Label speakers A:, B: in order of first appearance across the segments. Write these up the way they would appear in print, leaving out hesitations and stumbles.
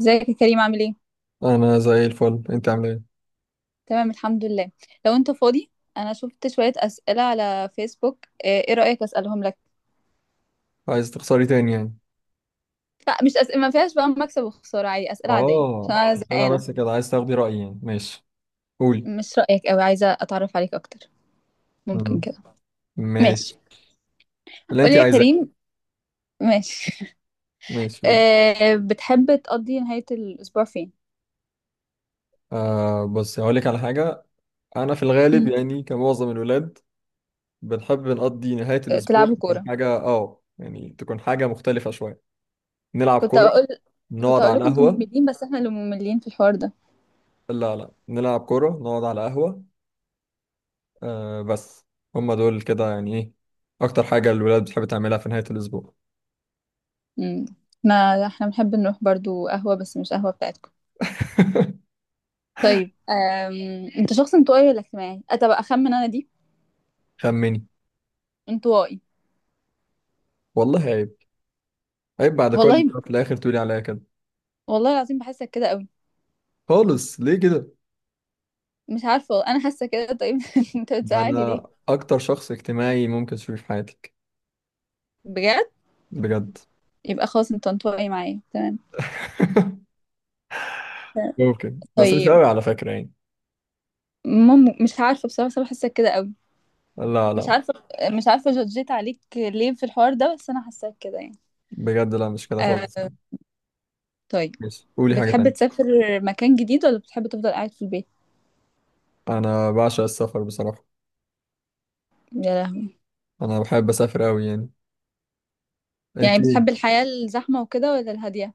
A: ازيك يا كريم، عامل ايه؟
B: انا زي الفل، انت عامل ايه؟
A: تمام، الحمد لله. لو انت فاضي، انا شفت شوية اسئلة على فيسبوك، إيه رأيك اسألهم لك؟
B: عايز تخسري تاني يعني؟
A: لا، مش أسئلة ما فيهاش بقى مكسب وخسارة، عادي، اسئلة عادية عشان
B: اه،
A: انا
B: اسئله
A: زهقانة.
B: بس كده عايز تاخدي رايي يعني. ماشي. قولي.
A: مش رأيك قوي، عايزة اتعرف عليك اكتر، ممكن
B: مم.
A: كده؟
B: ماشي.
A: ماشي،
B: اللي
A: قولي
B: انت
A: يا
B: عايزاه.
A: كريم، ماشي.
B: ماشي، قولي.
A: إيه بتحب تقضي نهاية الاسبوع فين؟
B: بص هقول لك على حاجه. انا في الغالب
A: مم.
B: يعني كمعظم الولاد، بنحب نقضي نهايه
A: إيه،
B: الاسبوع،
A: تلعبوا
B: تكون
A: كورة؟
B: حاجه يعني تكون حاجه مختلفه شويه. نلعب
A: كنت
B: كوره،
A: اقول كنت
B: نقعد
A: اقول
B: على
A: لكم انتم
B: القهوه.
A: مملين، بس احنا اللي مملين في الحوار ده.
B: لا لا، نلعب كوره، نقعد على قهوه. آه بس. هما دول كده يعني، ايه اكتر حاجه الولاد بتحب تعملها في نهايه الاسبوع.
A: امم احنا بنحب نروح برضو قهوة، بس مش قهوة بتاعتكم. طيب انت شخص انطوائي ولا اجتماعي؟ طب اخمن انا دي.
B: خمني.
A: انطوائي.
B: والله عيب. عيب بعد
A: والله،
B: كل ده في الاخر تقولي عليا كده؟
A: والله العظيم بحسك كده قوي.
B: خالص، ليه كده؟
A: مش عارفه والله. انا حاسه كده. طيب انت
B: ده
A: بتزعلي
B: انا
A: ليه؟
B: اكتر شخص اجتماعي ممكن تشوفيه في حياتك.
A: بجد؟
B: بجد.
A: يبقى خلاص، انت انطوائي معايا، تمام.
B: ممكن، بس مش
A: طيب،
B: قوي على فكرة يعني.
A: مش عارفه بصراحه، بس أنا حاسه كده قوي.
B: لا
A: مش
B: لا،
A: عارفه، مش عارفه جدجيت عليك ليه في الحوار ده، بس انا حاساك كده يعني.
B: بجد، لا مش كده خالص.
A: أه... طيب،
B: ماشي، قولي حاجة
A: بتحب
B: تانية.
A: تسافر مكان جديد ولا بتحب تفضل قاعد في البيت؟
B: أنا بعشق السفر بصراحة.
A: يا لهوي.
B: أنا بحب أسافر أوي يعني.
A: يعني
B: أنت إيه؟
A: بتحب الحياه الزحمه وكده ولا الهاديه؟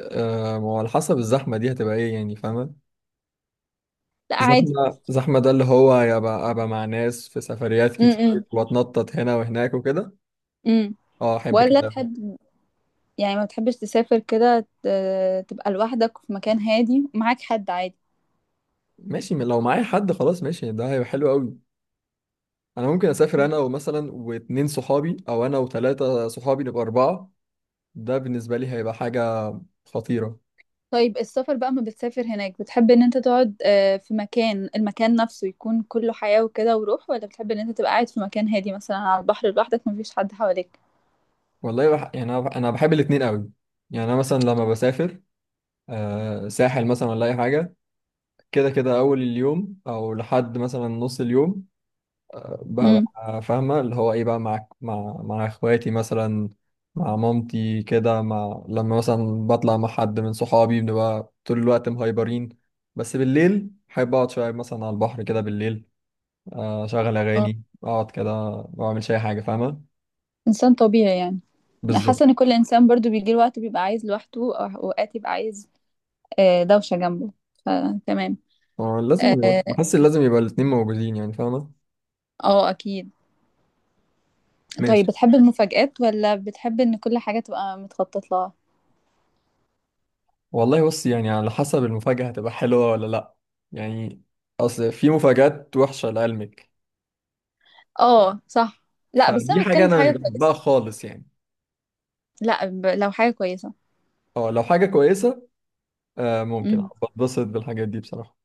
B: آه، ما هو على حسب الزحمة دي هتبقى إيه يعني، فاهمة؟
A: لا، عادي.
B: زحمة زحمة، ده اللي هو يبقى أبقى مع ناس في سفريات كتير، وأتنطط هنا وهناك وكده.
A: امم
B: أه، أحب
A: ولا
B: كده.
A: تحب، يعني ما بتحبش تسافر كده تبقى لوحدك في مكان هادي ومعاك حد عادي؟
B: ماشي، لو معايا حد خلاص ماشي، ده هيبقى حلو قوي. انا ممكن اسافر انا ومثلا واتنين صحابي، او انا وتلاتة صحابي نبقى اربعة. ده بالنسبة لي هيبقى حاجة خطيرة.
A: طيب، السفر بقى، ما بتسافر هناك بتحب ان انت تقعد في مكان، المكان نفسه يكون كله حياة وكده وروح، ولا بتحب ان انت تبقى قاعد في مكان هادي مثلا على البحر لوحدك مفيش حد حواليك؟
B: والله يعني أنا بحب الاتنين قوي. يعني انا مثلا لما بسافر ساحل مثلا ولا اي حاجة، كده كده اول اليوم او لحد مثلا نص اليوم
A: امم
B: ببقى فاهمة اللي هو ايه، بقى مع اخواتي مثلا، مع مامتي كده، مع لما مثلا بطلع مع حد من صحابي بنبقى طول الوقت مهايبرين. بس بالليل بحب اقعد شوية مثلا على البحر كده بالليل، اشغل
A: اه،
B: اغاني اقعد كده. ما اعملش اي حاجة، فاهمة؟
A: انسان طبيعي يعني. حاسه
B: بالظبط.
A: ان كل انسان برضو بيجي له وقت بيبقى عايز لوحده، او اوقات يبقى عايز دوشه جنبه، فتمام.
B: لازم يبقى،
A: اه،
B: بحس إن لازم يبقى الاتنين موجودين يعني، فاهمة؟
A: اكيد. طيب،
B: ماشي.
A: بتحب المفاجآت ولا بتحب ان كل حاجه تبقى متخطط لها؟
B: والله بص، يعني على حسب المفاجأة هتبقى حلوة ولا لأ. يعني، أصل في مفاجآت وحشة لقلبك.
A: اه صح. لا، بس
B: فدي
A: انا
B: حاجة
A: بتكلم في
B: أنا مش
A: حاجه
B: بحبها
A: كويسه،
B: خالص يعني.
A: لا لو حاجه كويسه.
B: اه، لو حاجة كويسة. آه ممكن
A: امم
B: بتبسط بالحاجات دي بصراحة.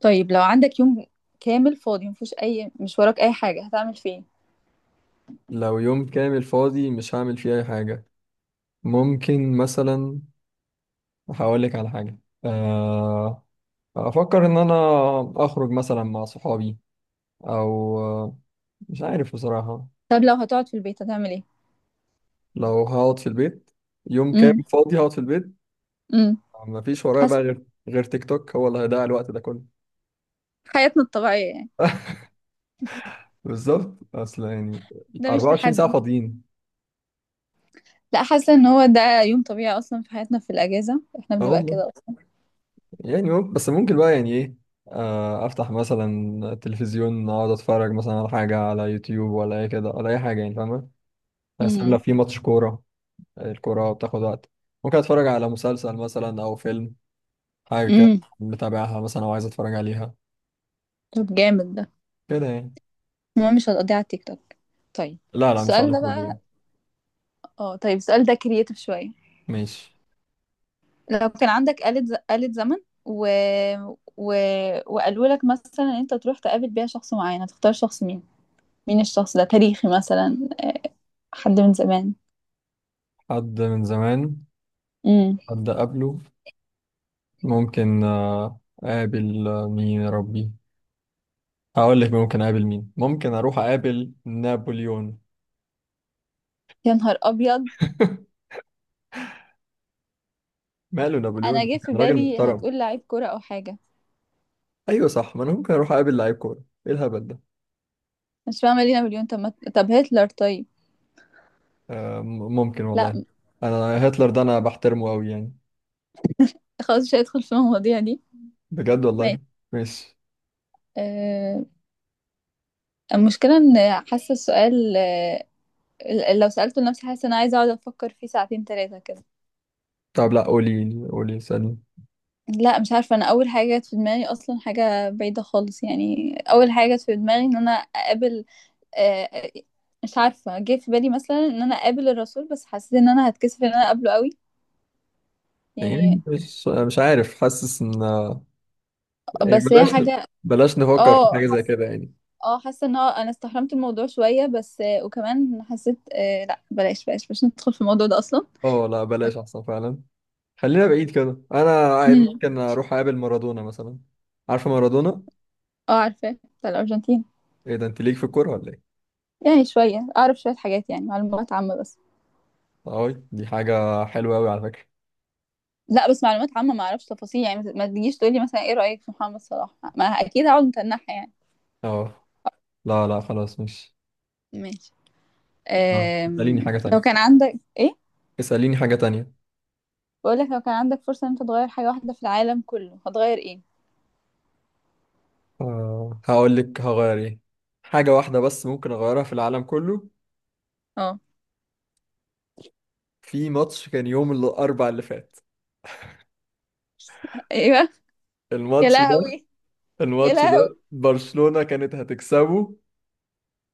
A: طيب، لو عندك يوم كامل فاضي مفيش اي، مش وراك اي حاجه، هتعمل فيه إيه؟
B: لو يوم كامل فاضي مش هعمل فيه أي حاجة. ممكن مثلا، هقولك على حاجة. آه أفكر إن أنا أخرج مثلا مع صحابي، أو مش عارف بصراحة.
A: طب لو هتقعد في البيت هتعمل ايه؟
B: لو هقعد في البيت، يوم
A: امم
B: كامل فاضي هقعد في البيت.
A: امم
B: مفيش ورايا
A: حس...
B: بقى غير تيك توك، هو اللي هيضيع الوقت ده كله.
A: حياتنا الطبيعيه يعني.
B: بالظبط أصل يعني،
A: ده مش
B: 24 ساعة
A: تحدي.
B: فاضيين.
A: لا، حاسه ان هو ده يوم طبيعي اصلا في حياتنا، في الاجازه احنا
B: اه
A: بنبقى
B: والله.
A: كده اصلا.
B: يعني ممكن، بس ممكن بقى يعني ايه، افتح مثلا تلفزيون، اقعد اتفرج مثلا على حاجه على يوتيوب ولا اي كده ولا اي حاجه يعني، فاهمه؟ بس لو
A: امم
B: في ماتش كوره، الكوره بتاخد وقت. ممكن اتفرج على مسلسل مثلا او فيلم، حاجه كده،
A: امم
B: متابعها مثلا او عايز اتفرج عليها
A: طب جامد ده.
B: كده يعني.
A: المهم، مش هتقضيها على التيك توك. طيب،
B: لا لا، مش
A: السؤال
B: على
A: ده
B: طول يعني.
A: بقى، اه طيب السؤال ده كرييتيف شويه.
B: ماشي.
A: لو كان عندك آلة زمن، و... و... وقالوا لك مثلا إن انت تروح تقابل بيها شخص معين، هتختار شخص مين؟ مين الشخص ده، تاريخي مثلا، حد من زمان؟
B: حد من زمان.
A: امم
B: حد قبله. ممكن اقابل، مين يا ربي. هقول لك ممكن اقابل مين، ممكن اروح اقابل نابليون.
A: يا نهار ابيض.
B: ماله نابليون؟
A: انا
B: ده
A: جه في
B: كان راجل
A: بالي
B: محترم.
A: هتقول لعيب كرة او حاجة.
B: ايوه صح، ما انا ممكن اروح اقابل لعيب كوره؟ ايه الهبل ده.
A: مش فاهمة، لينا مليون؟ طب طب هتلر طيب.
B: ممكن
A: لا
B: والله. انا هتلر ده انا بحترمه قوي يعني.
A: خلاص، مش هيدخل في المواضيع دي.
B: بجد
A: ماشي.
B: والله. ماشي.
A: أه. المشكلة ان حاسة السؤال أه، لو سألته لنفسي حاسة ان انا عايزة اقعد افكر فيه ساعتين تلاتة كده.
B: طب لا، قولي قولي سألني.
A: لا مش عارفة، أنا أول حاجة جت في دماغي أصلا حاجة بعيدة خالص يعني، أول حاجة جت في دماغي إن أنا أقابل آه، آه، مش عارفة، جه في بالي مثلا إن أنا أقابل الرسول، بس حسيت إن أنا هتكسف إن أنا أقابله قوي يعني.
B: يعني مش عارف، حاسس ان يعني
A: بس هي
B: بلاش،
A: حاجة،
B: بلاش نفكر في
A: اه
B: حاجه زي
A: حاسة،
B: كده يعني.
A: اه حاسة إن هو أنا استحرمت الموضوع شوية، بس وكمان حسيت لا بلاش بلاش، مش ندخل في الموضوع ده أصلا.
B: اه لا، بلاش احسن فعلا. خلينا بعيد كده، انا
A: مم.
B: ممكن اروح اقابل مارادونا مثلا. عارفه مارادونا؟
A: اه عارفة، بتاع الأرجنتين.
B: ايه ده، انت ليك في الكوره ولا ايه؟
A: يعني شوية أعرف شوية حاجات يعني، معلومات عامة بس.
B: اه، دي حاجه حلوه قوي على فكره.
A: لا بس معلومات عامة ما اعرفش تفاصيل يعني، ما تجيش تقولي مثلا ايه رأيك في محمد صلاح، ما اكيد هقعد متنحة يعني.
B: اه لا لا، خلاص مش.
A: ماشي.
B: اسأليني
A: أم...
B: حاجة
A: لو كان
B: تانية.
A: عندك ايه،
B: اسأليني حاجة تانية.
A: بقول لك لو كان عندك فرصة ان انت تغير حاجة واحدة في العالم كله، هتغير ايه؟
B: هقول لك هغير ايه. حاجة واحدة بس ممكن أغيرها في العالم كله.
A: اه.
B: في ماتش كان يوم الأربع اللي فات،
A: ايوه. يا
B: الماتش ده
A: لهوي، يا
B: الماتش ده
A: لهوي،
B: برشلونة كانت هتكسبه،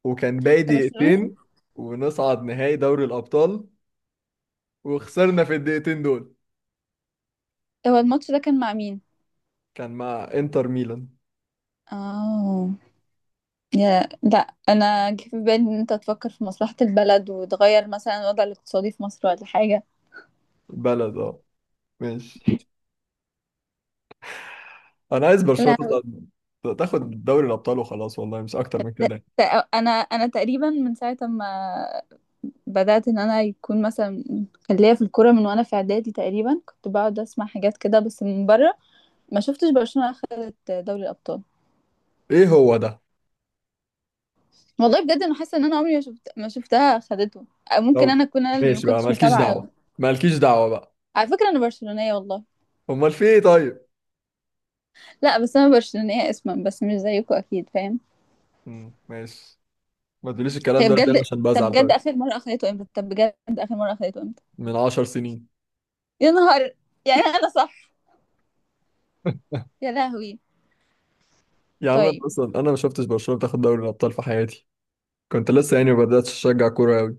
B: وكان باقي
A: انت برشلوني؟
B: دقيقتين ونصعد نهائي دوري الأبطال، وخسرنا في الدقيقتين دول.
A: هو الماتش ده كان مع مين؟
B: كان مع إنتر ميلان.
A: اه، يا لا، انا جه في بالي ان انت تفكر في مصلحة البلد وتغير مثلا الوضع الاقتصادي في مصر ولا حاجة.
B: بلد اه. ماشي. أنا عايز برشلونة
A: لا.
B: تصعد، تاخد دوري الأبطال وخلاص، والله مش أكتر من
A: ده-
B: كده.
A: انا تقريبا من ساعه ما بدات ان انا يكون مثلا، كان ليا في الكوره من وانا في اعدادي تقريبا، كنت بقعد اسمع حاجات كده بس من بره. ما شفتش برشلونه اخذت دوري الابطال.
B: ايه هو ده.
A: والله بجد، انا حاسه ان انا عمري ما شفتها اخذته. أو ممكن
B: طب
A: انا اكون انا اللي ما
B: ماشي بقى،
A: كنتش
B: مالكيش
A: متابعه قوي.
B: دعوه مالكيش دعوه بقى.
A: على فكره انا برشلونيه والله.
B: امال في ايه طيب؟
A: لا بس انا برشلونيه اسما بس مش زيكم اكيد، فاهم؟
B: مم. ماشي. ما تقوليش الكلام
A: هي
B: ده قدام
A: بجد.
B: عشان بزعل، طيب؟
A: طب بجد اخر مره اخذته امتى؟
B: من 10 سنين.
A: يا نهار. يعني انا صح. يا لهوي.
B: يا عم انا
A: طيب،
B: اصلا، انا ما شفتش برشلونه بتاخد دوري الابطال في حياتي. كنت لسه يعني ما بداتش اشجع كوره قوي.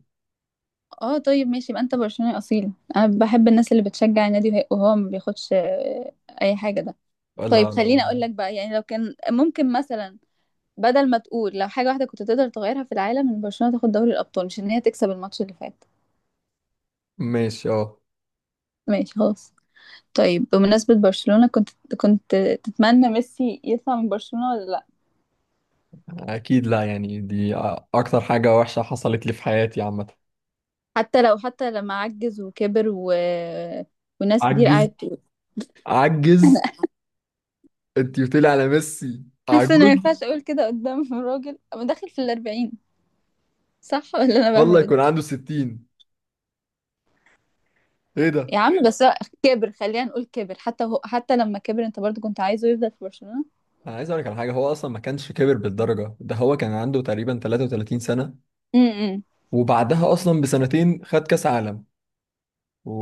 A: اه طيب ماشي، يبقى انت برشلوني اصيل، انا بحب الناس اللي بتشجع النادي وهو ما بياخدش اي حاجه ده.
B: لا
A: طيب،
B: لا.
A: خليني اقول لك بقى يعني، لو كان ممكن مثلا، بدل ما تقول لو حاجه واحده كنت تقدر تغيرها في العالم ان برشلونه تاخد دوري الابطال، مش ان هي تكسب الماتش اللي فات.
B: ماشي، اه
A: ماشي خلاص. طيب، بمناسبه برشلونه، كنت تتمنى ميسي يطلع من برشلونه ولا لا؟
B: اكيد لا، يعني دي اكتر حاجه وحشه حصلت لي في حياتي عامه.
A: حتى لو، حتى لما عجز وكبر، وناس كتير
B: عجز؟
A: قعدت تقول.
B: عجز؟ انت بتقولي على ميسي
A: حاسه ان ما
B: عجوز؟
A: ينفعش اقول كده قدام راجل أنا داخل في الاربعين، صح ولا انا
B: والله
A: بهبل؟
B: يكون عنده 60. ايه ده.
A: يا عم بس هو كبر، خلينا نقول كبر، حتى هو حتى لما كبر انت برضو كنت عايزه يفضل في برشلونة.
B: انا عايز اقول لك على حاجه، هو اصلا ما كانش كبر بالدرجه ده، هو كان عنده تقريبا 33 سنه.
A: امم
B: وبعدها اصلا بسنتين خد كاس عالم.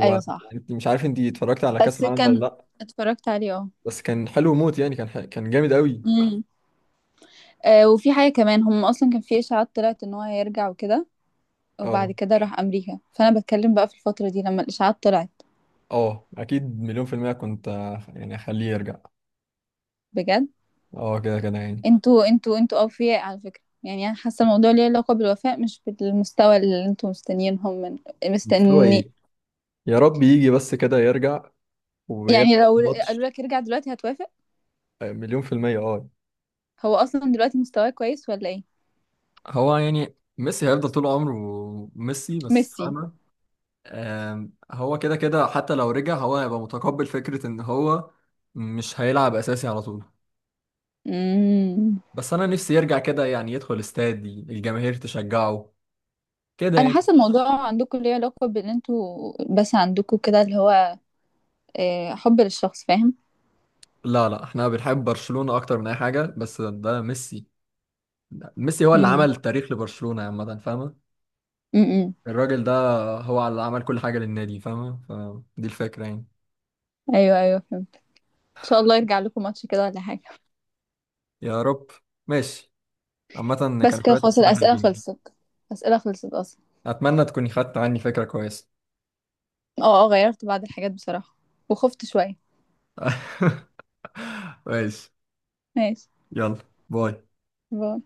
A: ايوه صح.
B: مش عارف، انت اتفرجت على كاس
A: بس
B: العالم ولا
A: كان
B: لا؟
A: اتفرجت عليه، اه.
B: بس كان حلو موت يعني، كان جامد قوي.
A: امم آه، وفي حاجة كمان، هم اصلا كان في اشاعات طلعت ان هو هيرجع وكده، وبعد
B: اه
A: كده راح امريكا، فانا بتكلم بقى في الفترة دي لما الاشاعات طلعت.
B: اه، اكيد مليون في الميه كنت يعني اخليه يرجع.
A: بجد.
B: اه كده كده يعني.
A: انتوا اوفياء على فكرة، يعني انا حاسة الموضوع ليه علاقة بالوفاء مش بالمستوى اللي انتوا مستنيينهم من،
B: مستوى
A: مستني
B: ايه؟ يا رب يجي بس كده يرجع ويلعب
A: يعني لو
B: ماتش.
A: قالوا لك ارجع دلوقتي هتوافق؟
B: مليون في الميه اه.
A: هو اصلا دلوقتي مستواه كويس ولا ايه؟
B: هو يعني ميسي هيفضل طول عمره ميسي، بس
A: ميسي.
B: فاهمة. هو كده كده، حتى لو رجع هو هيبقى متقبل فكرة ان هو مش هيلعب اساسي على طول.
A: امم
B: بس انا نفسي يرجع كده يعني، يدخل استاد الجماهير تشجعه كده
A: انا
B: يعني.
A: حاسه الموضوع عندكم ليه علاقه بان انتوا بس عندكم كده اللي هو حب للشخص، فاهم؟
B: لا لا، احنا بنحب برشلونة اكتر من اي حاجة، بس ده ميسي. ميسي هو اللي
A: امم
B: عمل التاريخ لبرشلونة عامة، فاهمة؟
A: امم
B: الراجل ده هو اللي عمل كل حاجة للنادي، فاهمة؟ فدي الفكرة يعني.
A: ايوه ايوه فهمت. ان شاء الله يرجع لكم ماتش كده ولا حاجه.
B: يا رب. ماشي. عامة
A: بس
B: كان
A: كده
B: شوية
A: خلاص،
B: أسئلة
A: الاسئله
B: حلوين.
A: خلصت، الاسئله خلصت اصلا.
B: أتمنى تكوني خدت عني فكرة كويسة.
A: اه اه، غيرت بعض الحاجات بصراحه، وخفت شويه.
B: ماشي.
A: ماشي.
B: يلا، باي.
A: باي.